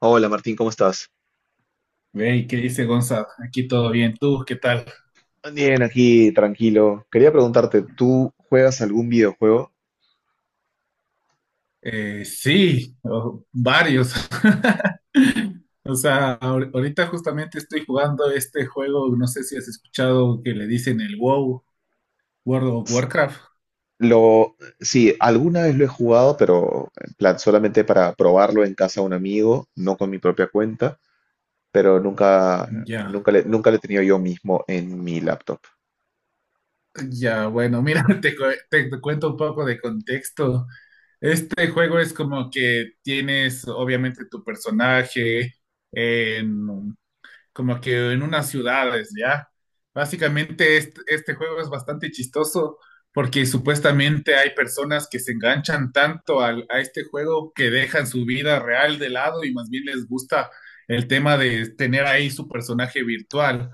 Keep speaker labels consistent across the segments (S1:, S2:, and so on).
S1: Hola Martín, ¿cómo estás?
S2: Hey, ¿qué dice Gonzalo? Aquí todo bien. ¿Tú qué tal?
S1: Bien, aquí tranquilo. Quería preguntarte, ¿tú juegas algún videojuego?
S2: Sí, varios. O sea, ahorita justamente estoy jugando este juego, no sé si has escuchado que le dicen el WoW, World of
S1: S-
S2: Warcraft.
S1: Sí, alguna vez lo he jugado, pero en plan solamente para probarlo en casa de un amigo, no con mi propia cuenta, pero nunca,
S2: Ya,
S1: nunca le, nunca lo he tenido yo mismo en mi laptop.
S2: ya, bueno, mira, te cuento un poco de contexto. Este juego es como que tienes obviamente tu personaje, como que en unas ciudades, ¿ya? Básicamente este juego es bastante chistoso porque supuestamente hay personas que se enganchan tanto a este juego que dejan su vida real de lado y más bien les gusta el tema de tener ahí su personaje virtual.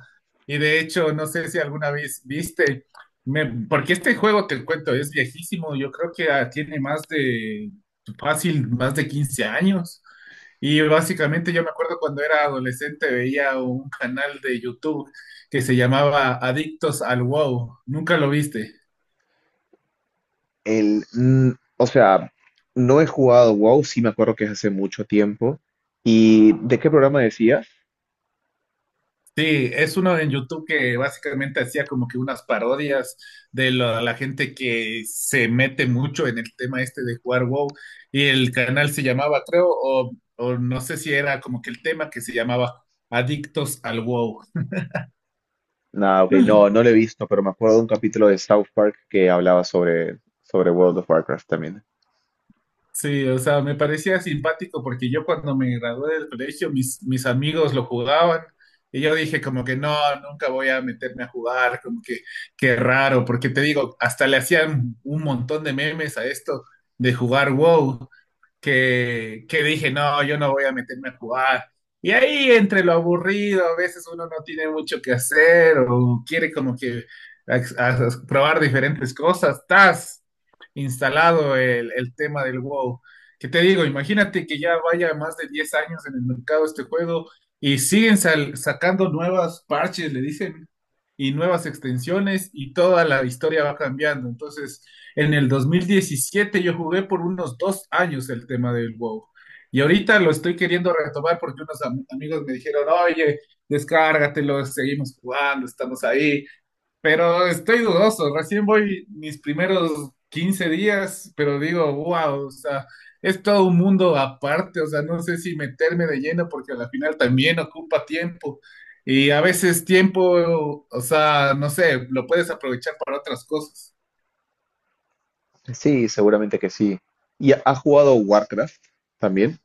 S2: Y de hecho, no sé si alguna vez viste, porque este juego te cuento es viejísimo, yo creo que tiene fácil, más de 15 años. Y básicamente yo me acuerdo cuando era adolescente veía un canal de YouTube que se llamaba Adictos al WoW. ¿Nunca lo viste?
S1: El, mm, o sea, no he jugado WoW, sí me acuerdo que es hace mucho tiempo. ¿Y de qué programa decías?
S2: Sí, es uno en YouTube que básicamente hacía como que unas parodias de la gente que se mete mucho en el tema este de jugar WoW. Y el canal se llamaba, creo, o no sé si era como que el tema que se llamaba Adictos al WoW.
S1: Nada, ok, no, no lo he visto, pero me acuerdo de un capítulo de South Park que hablaba sobre World of Warcraft también.
S2: Sí, o sea, me parecía simpático porque yo cuando me gradué del colegio, mis amigos lo jugaban y yo dije como que no, nunca voy a meterme a jugar, como que qué raro, porque te digo, hasta le hacían un montón de memes a esto de jugar WoW que dije, no, yo no voy a meterme a jugar. Y ahí entre lo aburrido, a veces uno no tiene mucho que hacer o quiere como que a probar diferentes cosas, estás instalado el tema del WoW. Que te digo, imagínate que ya vaya más de 10 años en el mercado este juego y siguen sacando nuevas parches, le dicen, y nuevas extensiones y toda la historia va cambiando. Entonces... En el 2017 yo jugué por unos 2 años el tema del WoW. Y ahorita lo estoy queriendo retomar porque unos amigos me dijeron, oye, descárgatelo, seguimos jugando, estamos ahí. Pero estoy dudoso, recién voy mis primeros 15 días, pero digo, wow, o sea, es todo un mundo aparte, o sea, no sé si meterme de lleno porque a la final también ocupa tiempo. Y a veces tiempo, o sea, no sé, lo puedes aprovechar para otras cosas.
S1: Sí, seguramente que sí. ¿Y ha jugado Warcraft también?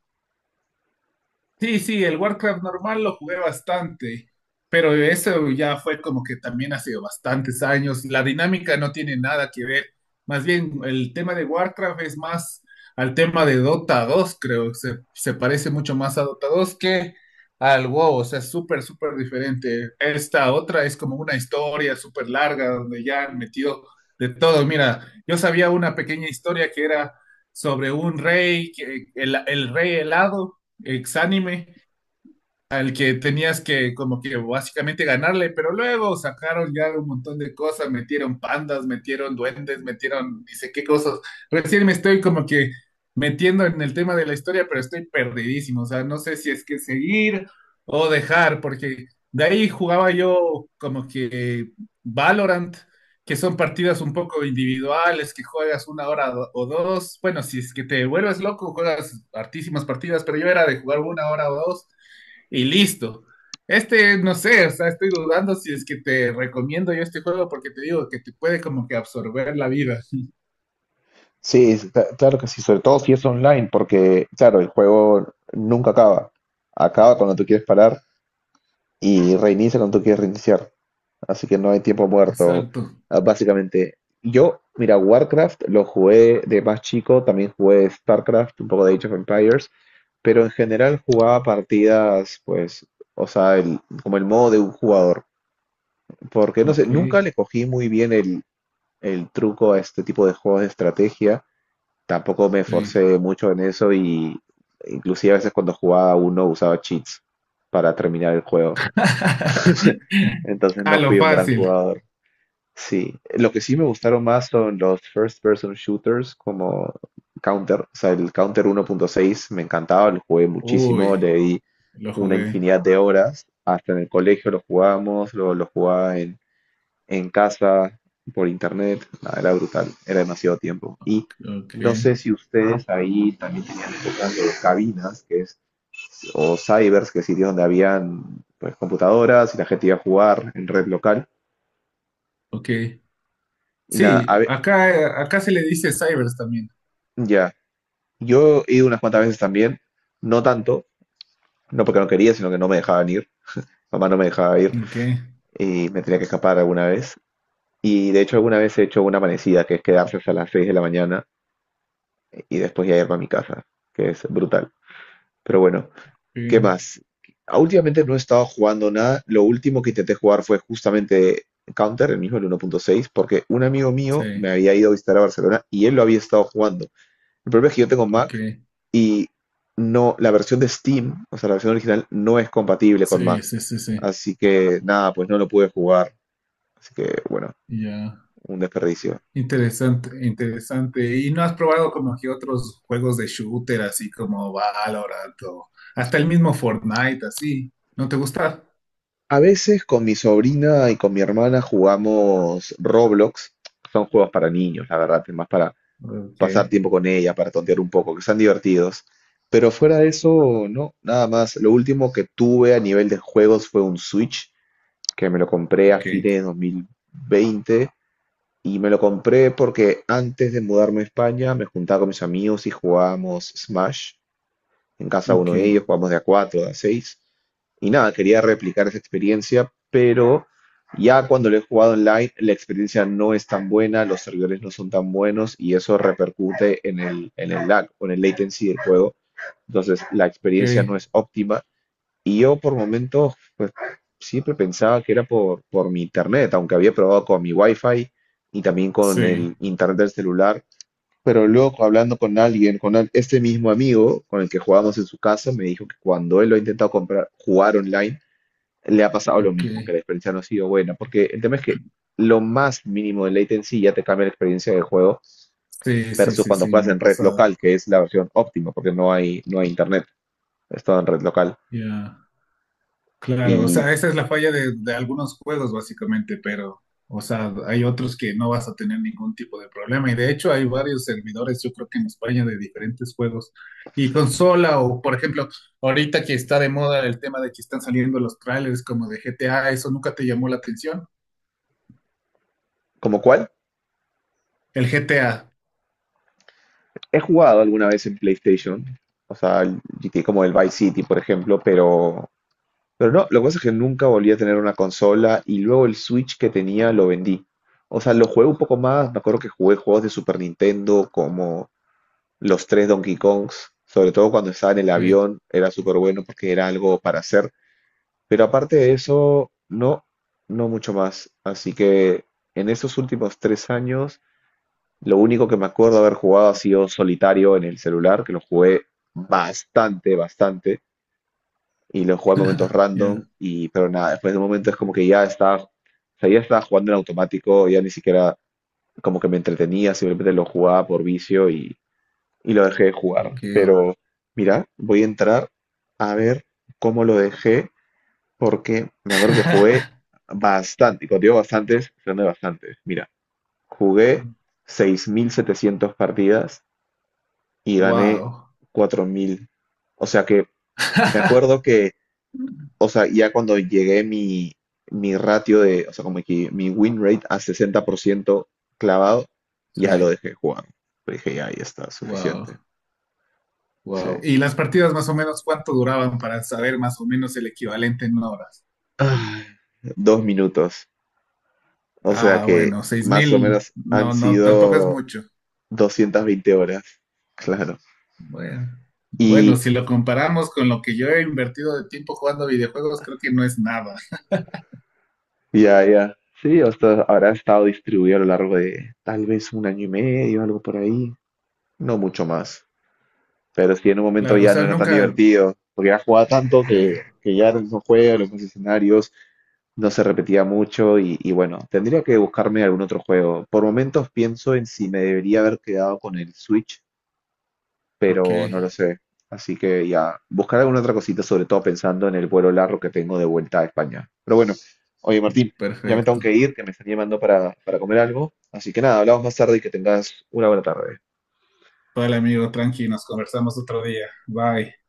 S2: Sí, sí, el Warcraft normal lo jugué bastante, pero eso ya fue como que también hace bastantes años. La dinámica no tiene nada que ver. Más bien, el tema de Warcraft es más al tema de Dota 2, creo. Se parece mucho más a Dota 2 que al WoW. O sea, es súper, súper diferente. Esta otra es como una historia súper larga donde ya han metido de todo. Mira, yo sabía una pequeña historia que era sobre un rey, el rey helado Exánime al que tenías que como que básicamente ganarle, pero luego sacaron ya un montón de cosas, metieron pandas, metieron duendes, metieron dice qué cosas. Recién me estoy como que metiendo en el tema de la historia, pero estoy perdidísimo, o sea, no sé si es que seguir o dejar, porque de ahí jugaba yo como que Valorant, que son partidas un poco individuales, que juegas una hora o dos, bueno, si es que te vuelves loco, juegas hartísimas partidas, pero yo era de jugar una hora o dos y listo. Este, no sé, o sea, estoy dudando si es que te recomiendo yo este juego porque te digo que te puede como que absorber la vida.
S1: Sí, claro que sí, sobre todo si es online, porque, claro, el juego nunca acaba. Acaba cuando tú quieres parar y reinicia cuando tú quieres reiniciar. Así que no hay tiempo muerto,
S2: Exacto.
S1: ah, básicamente. Yo, mira, Warcraft lo jugué de más chico, también jugué StarCraft, un poco de Age of Empires, pero en general jugaba partidas, pues, o sea, como el modo de un jugador. Porque no sé,
S2: Ok,
S1: nunca le cogí muy bien el truco a este tipo de juegos de estrategia. Tampoco me
S2: sí.
S1: esforcé mucho en eso y inclusive a veces cuando jugaba uno usaba cheats para terminar el juego. Entonces
S2: A
S1: no
S2: lo
S1: fui un gran
S2: fácil.
S1: jugador. Sí, lo que sí me gustaron más son los first person shooters como Counter, o sea, el Counter 1.6 me encantaba, lo jugué muchísimo,
S2: Uy,
S1: le di
S2: lo
S1: una
S2: jugué.
S1: infinidad de horas, hasta en el colegio lo jugábamos, luego lo jugaba en casa, por internet, nada, era brutal, era demasiado tiempo. Y
S2: Ok,
S1: no sé si ustedes ahí también tenían épocas de cabinas, que es, o cybers, que es sitio donde habían pues computadoras y la gente iba a jugar en red local.
S2: ok.
S1: Y nada,
S2: Sí, acá se le dice cybers también.
S1: ya. Yo he ido unas cuantas veces también, no tanto, no porque no quería, sino que no me dejaban ir. Mamá no me dejaba ir
S2: Ok,
S1: y me tenía que escapar alguna vez. Y de hecho alguna vez he hecho una amanecida, que es quedarse hasta las 6 de la mañana y después ya irme a mi casa, que es brutal. Pero bueno, ¿qué
S2: sí,
S1: más? Ah, últimamente no he estado jugando nada. Lo último que intenté jugar fue justamente Counter, el mismo el 1.6, porque un amigo mío me
S2: sí,
S1: había ido a visitar a Barcelona y él lo había estado jugando. El problema es que yo tengo
S2: ok.
S1: Mac y no, la versión de Steam, o sea, la versión original, no es compatible con
S2: Sí,
S1: Mac.
S2: sí, sí, sí.
S1: Así que nada, pues no lo pude jugar. Así que bueno,
S2: Ya.
S1: un desperdicio.
S2: Interesante, interesante. ¿Y no has probado como que otros juegos de shooter, así como Valorant o hasta el mismo Fortnite, así? ¿No te gusta?
S1: A veces con mi sobrina y con mi hermana jugamos Roblox. Son juegos para niños, la verdad, es más para
S2: Ok,
S1: pasar tiempo con ella, para tontear un poco, que están divertidos. Pero fuera de eso, no, nada más. Lo último que tuve a nivel de juegos fue un Switch, que me lo compré a
S2: ok,
S1: fines de 2020. Y me lo compré porque antes de mudarme a España me juntaba con mis amigos y jugábamos Smash. En casa
S2: ok,
S1: uno de ellos jugábamos de a 4 de a seis. Y nada, quería replicar esa experiencia, pero ya cuando lo he jugado online la experiencia no es tan buena, los servidores no son tan buenos y eso repercute en el lag o en el latency del juego. Entonces la experiencia no
S2: ok,
S1: es óptima y yo por momentos, pues siempre pensaba que era por mi internet, aunque había probado con mi wifi y también con el
S2: sí,
S1: internet del celular. Pero luego hablando con alguien, este mismo amigo con el que jugábamos en su casa, me dijo que cuando él lo ha intentado comprar, jugar online, le ha pasado lo
S2: ok,
S1: mismo, que la experiencia no ha sido buena, porque el tema es que lo más mínimo de latency ya te cambia la experiencia del juego
S2: sí, sí,
S1: versus
S2: sí,
S1: cuando
S2: sí,
S1: juegas
S2: me ha
S1: en red
S2: pasado.
S1: local, que es la versión óptima, porque no hay internet, es todo en red local.
S2: Ya. Claro, o
S1: ¿Y
S2: sea, esa es la falla de algunos juegos básicamente, pero, o sea, hay otros que no vas a tener ningún tipo de problema y de hecho hay varios servidores, yo creo que en España de diferentes juegos y consola o, por ejemplo, ahorita que está de moda el tema de que están saliendo los trailers como de GTA, ¿eso nunca te llamó la atención?
S1: como cuál?
S2: El GTA.
S1: He jugado alguna vez en PlayStation, o sea, el GTA como el Vice City, por ejemplo, pero no, lo que pasa es que nunca volví a tener una consola y luego el Switch que tenía lo vendí. O sea, lo jugué un poco más, me acuerdo que jugué juegos de Super Nintendo como los tres Donkey Kongs, sobre todo cuando estaba en el
S2: Ok,
S1: avión, era súper bueno porque era algo para hacer, pero aparte de eso, no, no mucho más. Así que en estos últimos 3 años... Lo único que me acuerdo haber jugado ha sido solitario en el celular, que lo jugué bastante, bastante, y lo jugué en momentos random,
S2: ya,
S1: y pero nada, después de un momento es como que ya estaba, o sea, ya estaba jugando en automático, ya ni siquiera como que me entretenía, simplemente lo jugaba por vicio y lo dejé de jugar.
S2: ok.
S1: Pero mira, voy a entrar a ver cómo lo dejé, porque me acuerdo que jugué bastante, y cuando digo bastantes, son de bastantes. Mira, jugué 6.700 partidas y gané
S2: Wow.
S1: 4.000. O sea que me acuerdo que, o sea, ya cuando llegué mi, mi ratio de, o sea, como que mi win rate a 60% clavado, ya lo
S2: Sí,
S1: dejé jugar. Dije, ya, ya está,
S2: wow.
S1: suficiente. Sí.
S2: Wow. ¿Y las partidas más o menos cuánto duraban para saber más o menos el equivalente en horas?
S1: Ay, 2 minutos. O sea
S2: Ah,
S1: que
S2: bueno, seis
S1: más o
S2: mil,
S1: menos han
S2: no, no, tampoco es
S1: sido
S2: mucho.
S1: 220 horas. Claro.
S2: Bueno, bueno,
S1: Y
S2: si lo comparamos con lo que yo he invertido de tiempo jugando videojuegos, creo que no es nada.
S1: ya, ya. Sí, o sea, habrá estado distribuido a lo largo de tal vez un año y medio, algo por ahí. No mucho más. Pero sí, en un momento
S2: Claro, o
S1: ya no
S2: sea,
S1: era tan
S2: nunca...
S1: divertido, porque ya jugaba tanto que,
S2: Ya,
S1: que ya era el mismo juego, los mismos escenarios, no se repetía mucho y bueno, tendría que buscarme algún otro juego. Por momentos pienso en si me debería haber quedado con el Switch,
S2: ok,
S1: pero no lo sé. Así que ya, buscar alguna otra cosita, sobre todo pensando en el vuelo largo que tengo de vuelta a España. Pero bueno, oye Martín, ya me tengo
S2: perfecto.
S1: que ir, que me están llamando para comer algo. Así que nada, hablamos más tarde y que tengas una buena tarde.
S2: Vale, amigo, tranqui, nos conversamos otro día. Bye.